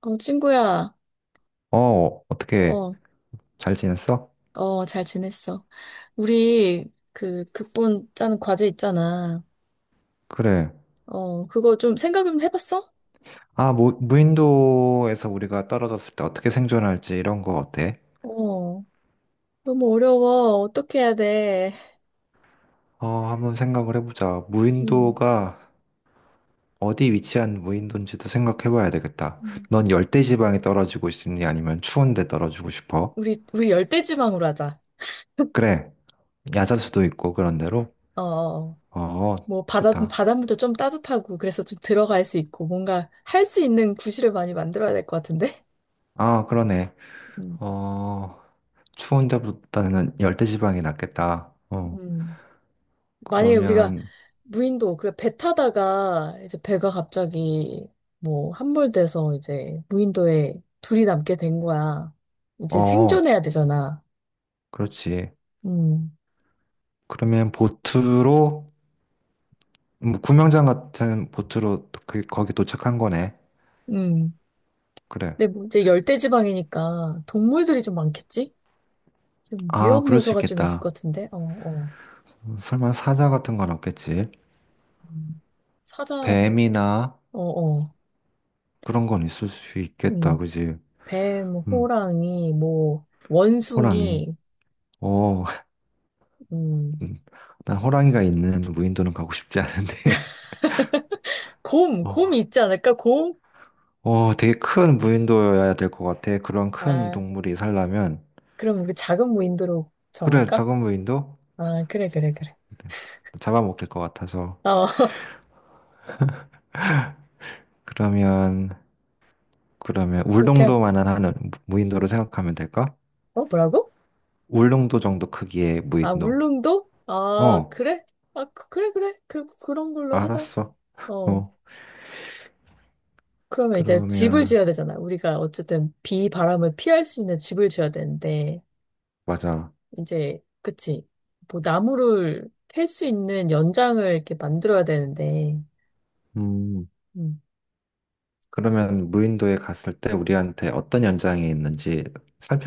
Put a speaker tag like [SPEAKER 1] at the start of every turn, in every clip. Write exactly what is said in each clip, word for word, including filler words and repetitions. [SPEAKER 1] 어, 친구야,
[SPEAKER 2] 어, 어떻게
[SPEAKER 1] 어,
[SPEAKER 2] 잘 지냈어?
[SPEAKER 1] 어, 잘 지냈어. 우리, 그, 극본 짜는 과제 있잖아.
[SPEAKER 2] 그래.
[SPEAKER 1] 어, 그거 좀 생각 좀 해봤어?
[SPEAKER 2] 아, 무, 무인도에서 우리가 떨어졌을 때 어떻게 생존할지 이런 거 어때?
[SPEAKER 1] 어, 너무 어려워. 어떻게 해야 돼?
[SPEAKER 2] 어, 한번 생각을 해보자.
[SPEAKER 1] 음,
[SPEAKER 2] 무인도가 어디 위치한 무인도인지도 생각해봐야 되겠다.
[SPEAKER 1] 음.
[SPEAKER 2] 넌 열대지방에 떨어지고 싶니? 아니면 추운 데 떨어지고 싶어?
[SPEAKER 1] 우리, 우리 열대지방으로 하자.
[SPEAKER 2] 그래. 야자수도 있고 그런 데로?
[SPEAKER 1] 어, 어. 어.
[SPEAKER 2] 어,
[SPEAKER 1] 뭐, 바다,
[SPEAKER 2] 좋다.
[SPEAKER 1] 바닷물도 좀 따뜻하고, 그래서 좀 들어갈 수 있고, 뭔가 할 수 있는 구실을 많이 만들어야 될 것 같은데?
[SPEAKER 2] 아, 그러네.
[SPEAKER 1] 음,
[SPEAKER 2] 어, 추운 데보다는 열대지방이 낫겠다. 어,
[SPEAKER 1] 음. 만약에 우리가
[SPEAKER 2] 그러면.
[SPEAKER 1] 무인도, 그래, 배 타다가 이제 배가 갑자기 뭐 함몰돼서 이제 무인도에 둘이 남게 된 거야. 이제
[SPEAKER 2] 어,
[SPEAKER 1] 생존해야 되잖아.
[SPEAKER 2] 그렇지.
[SPEAKER 1] 음,
[SPEAKER 2] 그러면 보트로 음, 구명장 같은 보트로 그, 거기 도착한 거네.
[SPEAKER 1] 음.
[SPEAKER 2] 그래.
[SPEAKER 1] 근데 뭐 이제 열대지방이니까 동물들이 좀 많겠지? 좀
[SPEAKER 2] 아,
[SPEAKER 1] 위험
[SPEAKER 2] 그럴 수
[SPEAKER 1] 요소가 좀 있을
[SPEAKER 2] 있겠다.
[SPEAKER 1] 것 같은데? 어, 어.
[SPEAKER 2] 음, 설마 사자 같은 건 없겠지?
[SPEAKER 1] 음. 사자, 어,
[SPEAKER 2] 뱀이나
[SPEAKER 1] 어.
[SPEAKER 2] 그런 건 있을 수 있겠다.
[SPEAKER 1] 음.
[SPEAKER 2] 그지?
[SPEAKER 1] 뱀,
[SPEAKER 2] 음,
[SPEAKER 1] 호랑이, 뭐,
[SPEAKER 2] 호랑이.
[SPEAKER 1] 원숭이,
[SPEAKER 2] 어,
[SPEAKER 1] 음.
[SPEAKER 2] 음, 난 호랑이가 있는 무인도는 가고 싶지 않은데.
[SPEAKER 1] 곰, 곰이
[SPEAKER 2] 어,
[SPEAKER 1] 있지 않을까? 곰?
[SPEAKER 2] 어, 되게 큰 무인도여야 될 것 같아. 그런 큰
[SPEAKER 1] 아,
[SPEAKER 2] 동물이 살려면.
[SPEAKER 1] 그럼 우리 작은 무인도로
[SPEAKER 2] 그래,
[SPEAKER 1] 정할까?
[SPEAKER 2] 작은 무인도?
[SPEAKER 1] 아, 그래, 그래, 그래.
[SPEAKER 2] 잡아먹힐 것 같아서.
[SPEAKER 1] 어,
[SPEAKER 2] 그러면 그러면
[SPEAKER 1] 그렇게, 하-
[SPEAKER 2] 울릉도만은 하는 무- 무인도로 생각하면 될까?
[SPEAKER 1] 어, 뭐라고?
[SPEAKER 2] 울릉도 정도 크기의
[SPEAKER 1] 아,
[SPEAKER 2] 무인도.
[SPEAKER 1] 울릉도? 아,
[SPEAKER 2] 어,
[SPEAKER 1] 그래? 아, 그- 그래, 그래. 그, 그런 걸로 하자.
[SPEAKER 2] 알았어.
[SPEAKER 1] 어.
[SPEAKER 2] 어,
[SPEAKER 1] 그러면 이제 집을
[SPEAKER 2] 그러면.
[SPEAKER 1] 지어야 되잖아. 우리가 어쨌든 비, 바람을 피할 수 있는 집을 지어야 되는데,
[SPEAKER 2] 맞아.
[SPEAKER 1] 이제, 그치. 뭐, 나무를 캘 수 있는 연장을 이렇게 만들어야 되는데,
[SPEAKER 2] 음,
[SPEAKER 1] 음,
[SPEAKER 2] 그러면 무인도에 갔을 때 우리한테 어떤 연장이 있는지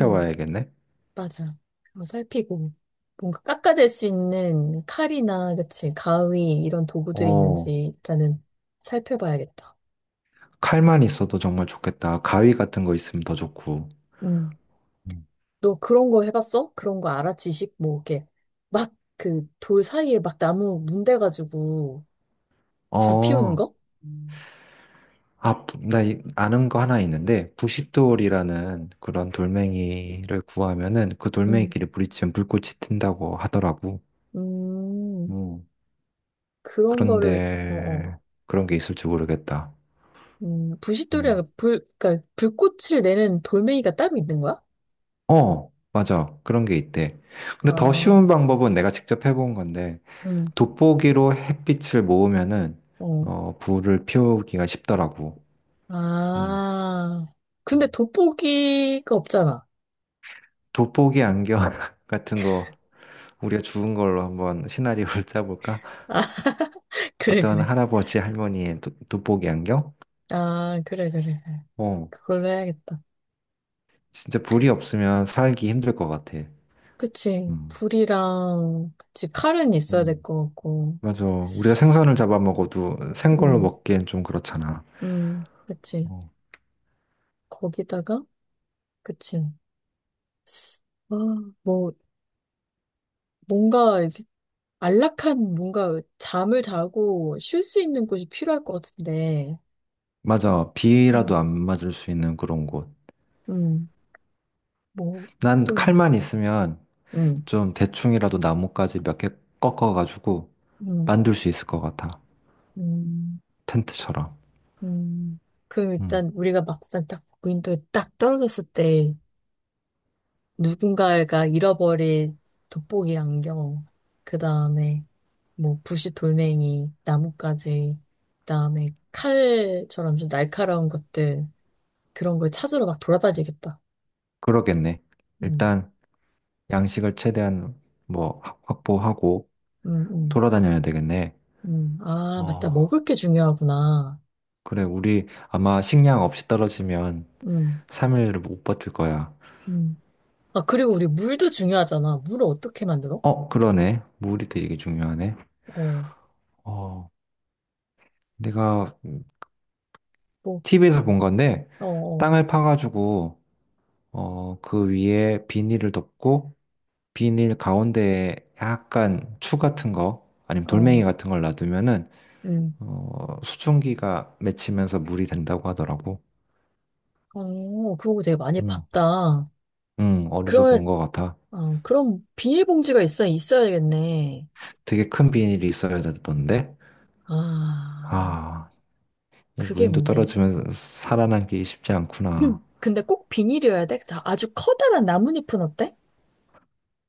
[SPEAKER 1] 음. 맞아. 한번 살피고 뭔가 깎아낼 수 있는 칼이나 그치 가위 이런 도구들이 있는지
[SPEAKER 2] 어,
[SPEAKER 1] 일단은 살펴봐야겠다.
[SPEAKER 2] 칼만 있어도 정말 좋겠다. 가위 같은 거 있으면 더 좋고.
[SPEAKER 1] 음.
[SPEAKER 2] 음.
[SPEAKER 1] 너 그런 거 해봤어? 그런 거 알아? 지식 뭐 이렇게 막 그 돌 사이에 막 나무 문대가지고 불 피우는
[SPEAKER 2] 어,
[SPEAKER 1] 거? 음.
[SPEAKER 2] 아, 부- 나 이- 아는 거 하나 있는데 부싯돌이라는 그런 돌멩이를 구하면은 그
[SPEAKER 1] 음.
[SPEAKER 2] 돌멩이끼리 부딪히면 불꽃이 튄다고 하더라고.
[SPEAKER 1] 음.
[SPEAKER 2] 음,
[SPEAKER 1] 그런 거를 어어.
[SPEAKER 2] 그런데 그런 게 있을지 모르겠다.
[SPEAKER 1] 음. 부싯돌이랑
[SPEAKER 2] 음.
[SPEAKER 1] 그 불 그러니까 불꽃을 내는 돌멩이가 따로 있는 거야?
[SPEAKER 2] 어, 맞아. 그런 게 있대. 근데 더
[SPEAKER 1] 아.
[SPEAKER 2] 쉬운 방법은 내가 직접 해본 건데,
[SPEAKER 1] 음.
[SPEAKER 2] 돋보기로 햇빛을 모으면은,
[SPEAKER 1] 어.
[SPEAKER 2] 어, 불을 피우기가 쉽더라고. 어.
[SPEAKER 1] 아, 근데 돋보기가 없잖아.
[SPEAKER 2] 돋보기 안경 같은 거, 우리가 주운 걸로 한번 시나리오를 짜볼까?
[SPEAKER 1] 아, 그래,
[SPEAKER 2] 어떤
[SPEAKER 1] 그래.
[SPEAKER 2] 할아버지, 할머니의 도- 돋보기 안경?
[SPEAKER 1] 아, 그래, 그래. 그래.
[SPEAKER 2] 어,
[SPEAKER 1] 그걸로 해야겠다.
[SPEAKER 2] 진짜 불이 없으면 살기 힘들 것 같아.
[SPEAKER 1] 그치.
[SPEAKER 2] 음.
[SPEAKER 1] 불이랑, 그치. 칼은 있어야 될
[SPEAKER 2] 음.
[SPEAKER 1] 것 같고.
[SPEAKER 2] 맞아. 우리가 생선을 잡아먹어도 생걸로
[SPEAKER 1] 음,
[SPEAKER 2] 먹기엔 좀 그렇잖아.
[SPEAKER 1] 음, 그치.
[SPEAKER 2] 어.
[SPEAKER 1] 거기다가, 그치. 아, 뭐, 뭔가, 이렇게 안락한, 뭔가, 잠을 자고 쉴 수 있는 곳이 필요할 것 같은데.
[SPEAKER 2] 맞아.
[SPEAKER 1] 음,
[SPEAKER 2] 비라도 안 맞을 수 있는 그런 곳.
[SPEAKER 1] 음, 뭐,
[SPEAKER 2] 난
[SPEAKER 1] 또,
[SPEAKER 2] 칼만 있으면
[SPEAKER 1] 음,
[SPEAKER 2] 좀 대충이라도 나뭇가지 몇 개 꺾어가지고
[SPEAKER 1] 음,
[SPEAKER 2] 만들 수 있을 것 같아.
[SPEAKER 1] 음.
[SPEAKER 2] 텐트처럼.
[SPEAKER 1] 음, 그럼
[SPEAKER 2] 음.
[SPEAKER 1] 일단 우리가 막상 딱 무인도에 딱 떨어졌을 때 누군가가 잃어버린 돋보기 안경, 그 다음에 뭐 부시 돌멩이, 나뭇가지, 그 다음에 칼처럼 좀 날카로운 것들 그런 걸 찾으러 막 돌아다니겠다.
[SPEAKER 2] 그러겠네.
[SPEAKER 1] 음,
[SPEAKER 2] 일단 양식을 최대한 뭐 확- 확보하고
[SPEAKER 1] 음, 음,
[SPEAKER 2] 돌아다녀야 되겠네.
[SPEAKER 1] 음. 아, 맞다.
[SPEAKER 2] 어.
[SPEAKER 1] 먹을 게 중요하구나.
[SPEAKER 2] 그래. 우리 아마 식량 없이 떨어지면
[SPEAKER 1] 음,
[SPEAKER 2] 삼 일을 못 버틸 거야.
[SPEAKER 1] 음. 아, 그리고 우리 물도 중요하잖아. 물을 어떻게 만들어?
[SPEAKER 2] 어, 그러네. 물이 되게 중요하네.
[SPEAKER 1] 어,
[SPEAKER 2] 어. 내가
[SPEAKER 1] 뭐,
[SPEAKER 2] 티비에서 본 건데
[SPEAKER 1] 어, 어,
[SPEAKER 2] 땅을 파가지고 어, 그 위에 비닐을 덮고 비닐 가운데에 약간 추 같은 거 아니면
[SPEAKER 1] 어,
[SPEAKER 2] 돌멩이 같은 걸 놔두면은
[SPEAKER 1] 음.
[SPEAKER 2] 어, 수증기가 맺히면서 물이 된다고 하더라고.
[SPEAKER 1] 어, 그런 거 되게 많이
[SPEAKER 2] 응,
[SPEAKER 1] 봤다.
[SPEAKER 2] 응, 어디서 본
[SPEAKER 1] 그러면,
[SPEAKER 2] 것 같아.
[SPEAKER 1] 어, 그럼 비닐봉지가 있어, 있어야겠네.
[SPEAKER 2] 되게 큰 비닐이 있어야 되던데.
[SPEAKER 1] 아,
[SPEAKER 2] 아, 이
[SPEAKER 1] 그게
[SPEAKER 2] 무인도
[SPEAKER 1] 문제네.
[SPEAKER 2] 떨어지면 살아남기 쉽지 않구나.
[SPEAKER 1] 근데 꼭 비닐이어야 돼? 자, 아주 커다란 나뭇잎은 어때?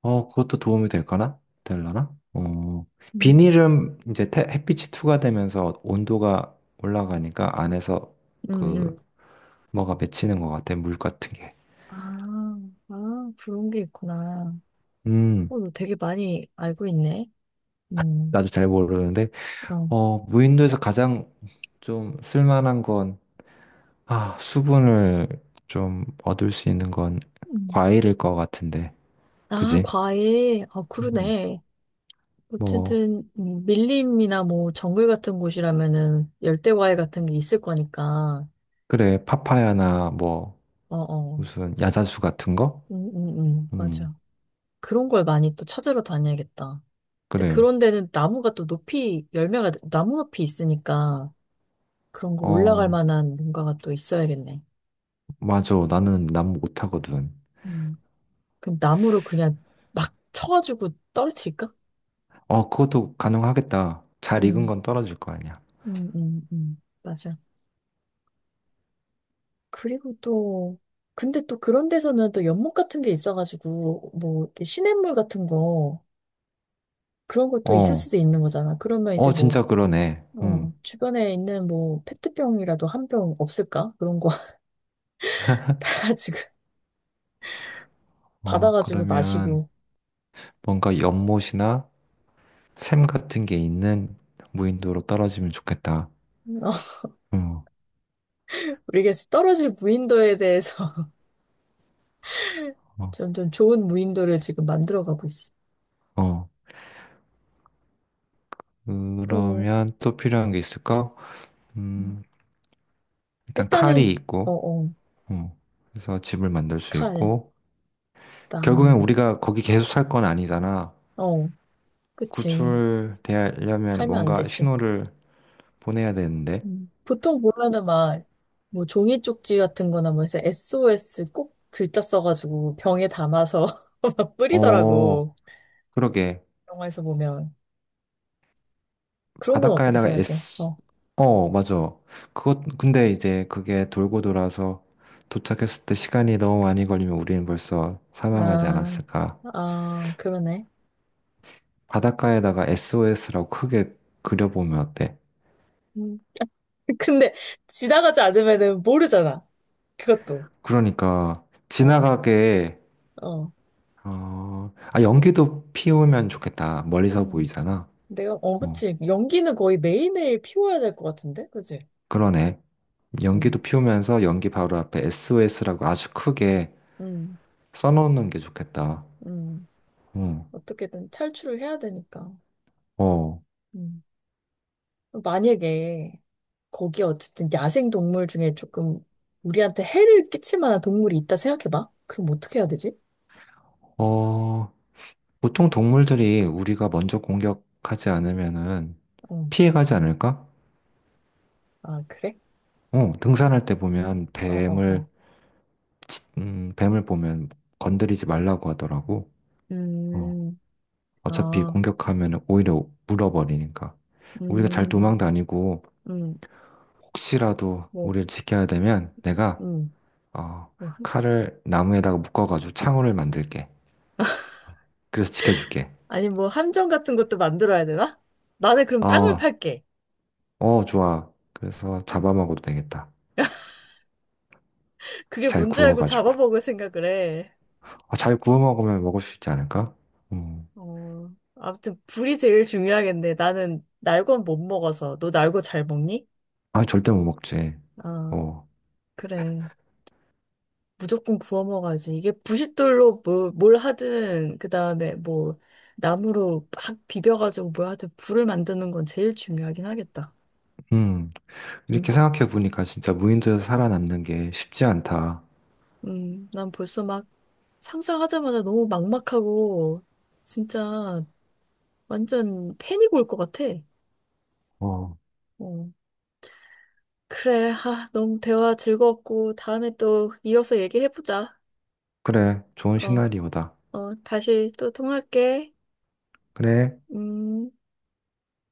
[SPEAKER 2] 어, 그것도 도움이 될까나? 될라나? 어,
[SPEAKER 1] 음.
[SPEAKER 2] 비닐은 이제 태- 햇빛이 투과되면서 온도가 올라가니까 안에서
[SPEAKER 1] 응,
[SPEAKER 2] 그
[SPEAKER 1] 응.
[SPEAKER 2] 뭐가 맺히는 것 같아, 물 같은 게.
[SPEAKER 1] 아, 아, 그런 게 있구나.
[SPEAKER 2] 음,
[SPEAKER 1] 어, 너 되게 많이 알고 있네. 음,
[SPEAKER 2] 나도 잘 모르는데,
[SPEAKER 1] 어.
[SPEAKER 2] 어, 무인도에서 가장 좀 쓸만한 건, 아, 수분을 좀 얻을 수 있는 건
[SPEAKER 1] 음.
[SPEAKER 2] 과일일 것 같은데,
[SPEAKER 1] 아,
[SPEAKER 2] 그지?
[SPEAKER 1] 과일. 아,
[SPEAKER 2] 음,
[SPEAKER 1] 그러네.
[SPEAKER 2] 뭐,
[SPEAKER 1] 어쨌든, 음, 밀림이나 뭐, 정글 같은 곳이라면은, 열대 과일 같은 게 있을 거니까.
[SPEAKER 2] 그래, 파파야나 뭐,
[SPEAKER 1] 어어.
[SPEAKER 2] 무슨 야자수 같은 거?
[SPEAKER 1] 응, 응, 응,
[SPEAKER 2] 음,
[SPEAKER 1] 맞아. 그런 걸 많이 또 찾으러 다녀야겠다. 근데
[SPEAKER 2] 그래.
[SPEAKER 1] 그런 데는 나무가 또 높이, 열매가 나무 높이 있으니까 그런 거 올라갈
[SPEAKER 2] 어,
[SPEAKER 1] 만한 뭔가가 또 있어야겠네.
[SPEAKER 2] 맞아. 나는 난 못하거든.
[SPEAKER 1] 음. 그럼 나무로 그냥 막 쳐가지고 떨어뜨릴까?
[SPEAKER 2] 어, 그것도 가능하겠다. 잘 익은
[SPEAKER 1] 음,
[SPEAKER 2] 건 떨어질 거 아니야.
[SPEAKER 1] 음, 음, 음, 맞아. 그리고 또, 근데 또 그런 데서는 또 연못 같은 게 있어가지고, 뭐, 이렇게 시냇물 같은 거, 그런 것도 있을
[SPEAKER 2] 어,
[SPEAKER 1] 수도 있는 거잖아. 그러면 이제
[SPEAKER 2] 어, 진짜
[SPEAKER 1] 뭐,
[SPEAKER 2] 그러네. 음.
[SPEAKER 1] 어, 주변에 있는 뭐 페트병이라도 한 병 없을까? 그런 거 다 가지고
[SPEAKER 2] 어,
[SPEAKER 1] 받아가지고
[SPEAKER 2] 그러면
[SPEAKER 1] 마시고
[SPEAKER 2] 뭔가 연못이나 샘 같은 게 있는 무인도로 떨어지면 좋겠다.
[SPEAKER 1] 어,
[SPEAKER 2] 음,
[SPEAKER 1] 우리가 떨어질 무인도에 대해서
[SPEAKER 2] 어,
[SPEAKER 1] 점점 좋은 무인도를 지금 만들어가고 있어.
[SPEAKER 2] 어.
[SPEAKER 1] 또
[SPEAKER 2] 그러면 또 필요한 게 있을까?
[SPEAKER 1] 음,
[SPEAKER 2] 음, 일단 칼이
[SPEAKER 1] 일단은
[SPEAKER 2] 있고,
[SPEAKER 1] 어어
[SPEAKER 2] 음, 그래서 집을 만들 수
[SPEAKER 1] 칼,
[SPEAKER 2] 있고, 결국엔
[SPEAKER 1] 나무,
[SPEAKER 2] 우리가 거기 계속 살 건 아니잖아.
[SPEAKER 1] 어 그치
[SPEAKER 2] 구출되려면
[SPEAKER 1] 살면 안
[SPEAKER 2] 뭔가
[SPEAKER 1] 되지.
[SPEAKER 2] 신호를 보내야 되는데.
[SPEAKER 1] 음. 보통 보면은 막 뭐 종이 쪽지 같은 거나 뭐 해서 에스오에스 꼭 글자 써가지고 병에 담아서 막
[SPEAKER 2] 어,
[SPEAKER 1] 뿌리더라고.
[SPEAKER 2] 그러게.
[SPEAKER 1] 영화에서 보면. 그런 건 어떻게
[SPEAKER 2] 바닷가에다가
[SPEAKER 1] 생각해?
[SPEAKER 2] 에스.
[SPEAKER 1] 어.
[SPEAKER 2] 어, 맞아. 그것, 근데 이제 그게 돌고 돌아서 도착했을 때 시간이 너무 많이 걸리면 우리는 벌써 사망하지
[SPEAKER 1] 아,
[SPEAKER 2] 않았을까.
[SPEAKER 1] 아, 그러네.
[SPEAKER 2] 바닷가에다가 에스오에스라고 크게 그려보면 어때?
[SPEAKER 1] 음. 근데 지나가지 않으면은 모르잖아. 그것도.
[SPEAKER 2] 그러니까,
[SPEAKER 1] 어,
[SPEAKER 2] 지나가게,
[SPEAKER 1] 어.
[SPEAKER 2] 어, 아, 연기도 피우면 좋겠다. 멀리서
[SPEAKER 1] 음.
[SPEAKER 2] 보이잖아.
[SPEAKER 1] 내가, 어,
[SPEAKER 2] 어,
[SPEAKER 1] 그치. 연기는 거의 매일매일 피워야 될 것 같은데? 그치?
[SPEAKER 2] 그러네. 연기도
[SPEAKER 1] 음,
[SPEAKER 2] 피우면서 연기 바로 앞에 에스오에스라고 아주 크게
[SPEAKER 1] 음,
[SPEAKER 2] 써놓는 게 좋겠다.
[SPEAKER 1] 음.
[SPEAKER 2] 응.
[SPEAKER 1] 어떻게든 탈출을 해야 되니까.
[SPEAKER 2] 어,
[SPEAKER 1] 음. 만약에 거기 어쨌든 야생 동물 중에 조금 우리한테 해를 끼칠 만한 동물이 있다 생각해봐. 그럼 어떻게 해야 되지?
[SPEAKER 2] 어, 보통 동물들이 우리가 먼저 공격하지 않으면은
[SPEAKER 1] 어.
[SPEAKER 2] 피해가지 않을까?
[SPEAKER 1] 아, 그래?
[SPEAKER 2] 어, 등산할 때 보면
[SPEAKER 1] 어, 어,
[SPEAKER 2] 뱀을,
[SPEAKER 1] 어.
[SPEAKER 2] 음, 뱀을 보면 건드리지 말라고 하더라고. 어,
[SPEAKER 1] 음.
[SPEAKER 2] 어차피
[SPEAKER 1] 아,
[SPEAKER 2] 공격하면 오히려 물어버리니까. 우리가 잘
[SPEAKER 1] 음,
[SPEAKER 2] 도망 다니고
[SPEAKER 1] 음,
[SPEAKER 2] 혹시라도
[SPEAKER 1] 뭐,
[SPEAKER 2] 우리를 지켜야 되면 내가,
[SPEAKER 1] 음,
[SPEAKER 2] 어,
[SPEAKER 1] 뭐, 한-
[SPEAKER 2] 칼을 나무에다가 묶어가지고 창호를 만들게. 그래서 지켜줄게.
[SPEAKER 1] 아니, 뭐, 함정 같은 것도 만들어야 되나? 나는 그럼 땅을
[SPEAKER 2] 아,
[SPEAKER 1] 팔게.
[SPEAKER 2] 어, 좋아. 그래서 잡아 먹어도 되겠다.
[SPEAKER 1] 그게
[SPEAKER 2] 잘
[SPEAKER 1] 뭔지 알고
[SPEAKER 2] 구워가지고.
[SPEAKER 1] 잡아먹을 생각을 해.
[SPEAKER 2] 아, 잘 구워 먹으면 먹을 수 있지 않을까? 음.
[SPEAKER 1] 어, 아무튼, 불이 제일 중요하겠네. 나는 날건 못 먹어서. 너 날고 잘 먹니?
[SPEAKER 2] 아, 절대 못 먹지.
[SPEAKER 1] 아,
[SPEAKER 2] 어.
[SPEAKER 1] 그래. 무조건 구워 먹어야지. 이게 부싯돌로 뭐, 뭘 하든, 그 다음에 뭐, 나무로 막 비벼가지고 뭘 하든 불을 만드는 건 제일 중요하긴 하겠다.
[SPEAKER 2] 음.
[SPEAKER 1] 음,
[SPEAKER 2] 이렇게 생각해 보니까 진짜 무인도에서 살아남는 게 쉽지 않다.
[SPEAKER 1] 음, 난 벌써 막, 상상하자마자 너무 막막하고, 진짜 완전 패닉 올 것 같아.
[SPEAKER 2] 어.
[SPEAKER 1] 어. 그래, 아, 너무 대화 즐거웠고, 다음에 또 이어서 얘기해보자.
[SPEAKER 2] 그래. 좋은
[SPEAKER 1] 어,
[SPEAKER 2] 시나리오다.
[SPEAKER 1] 어, 다시 또 통화할게.
[SPEAKER 2] 그래.
[SPEAKER 1] 음.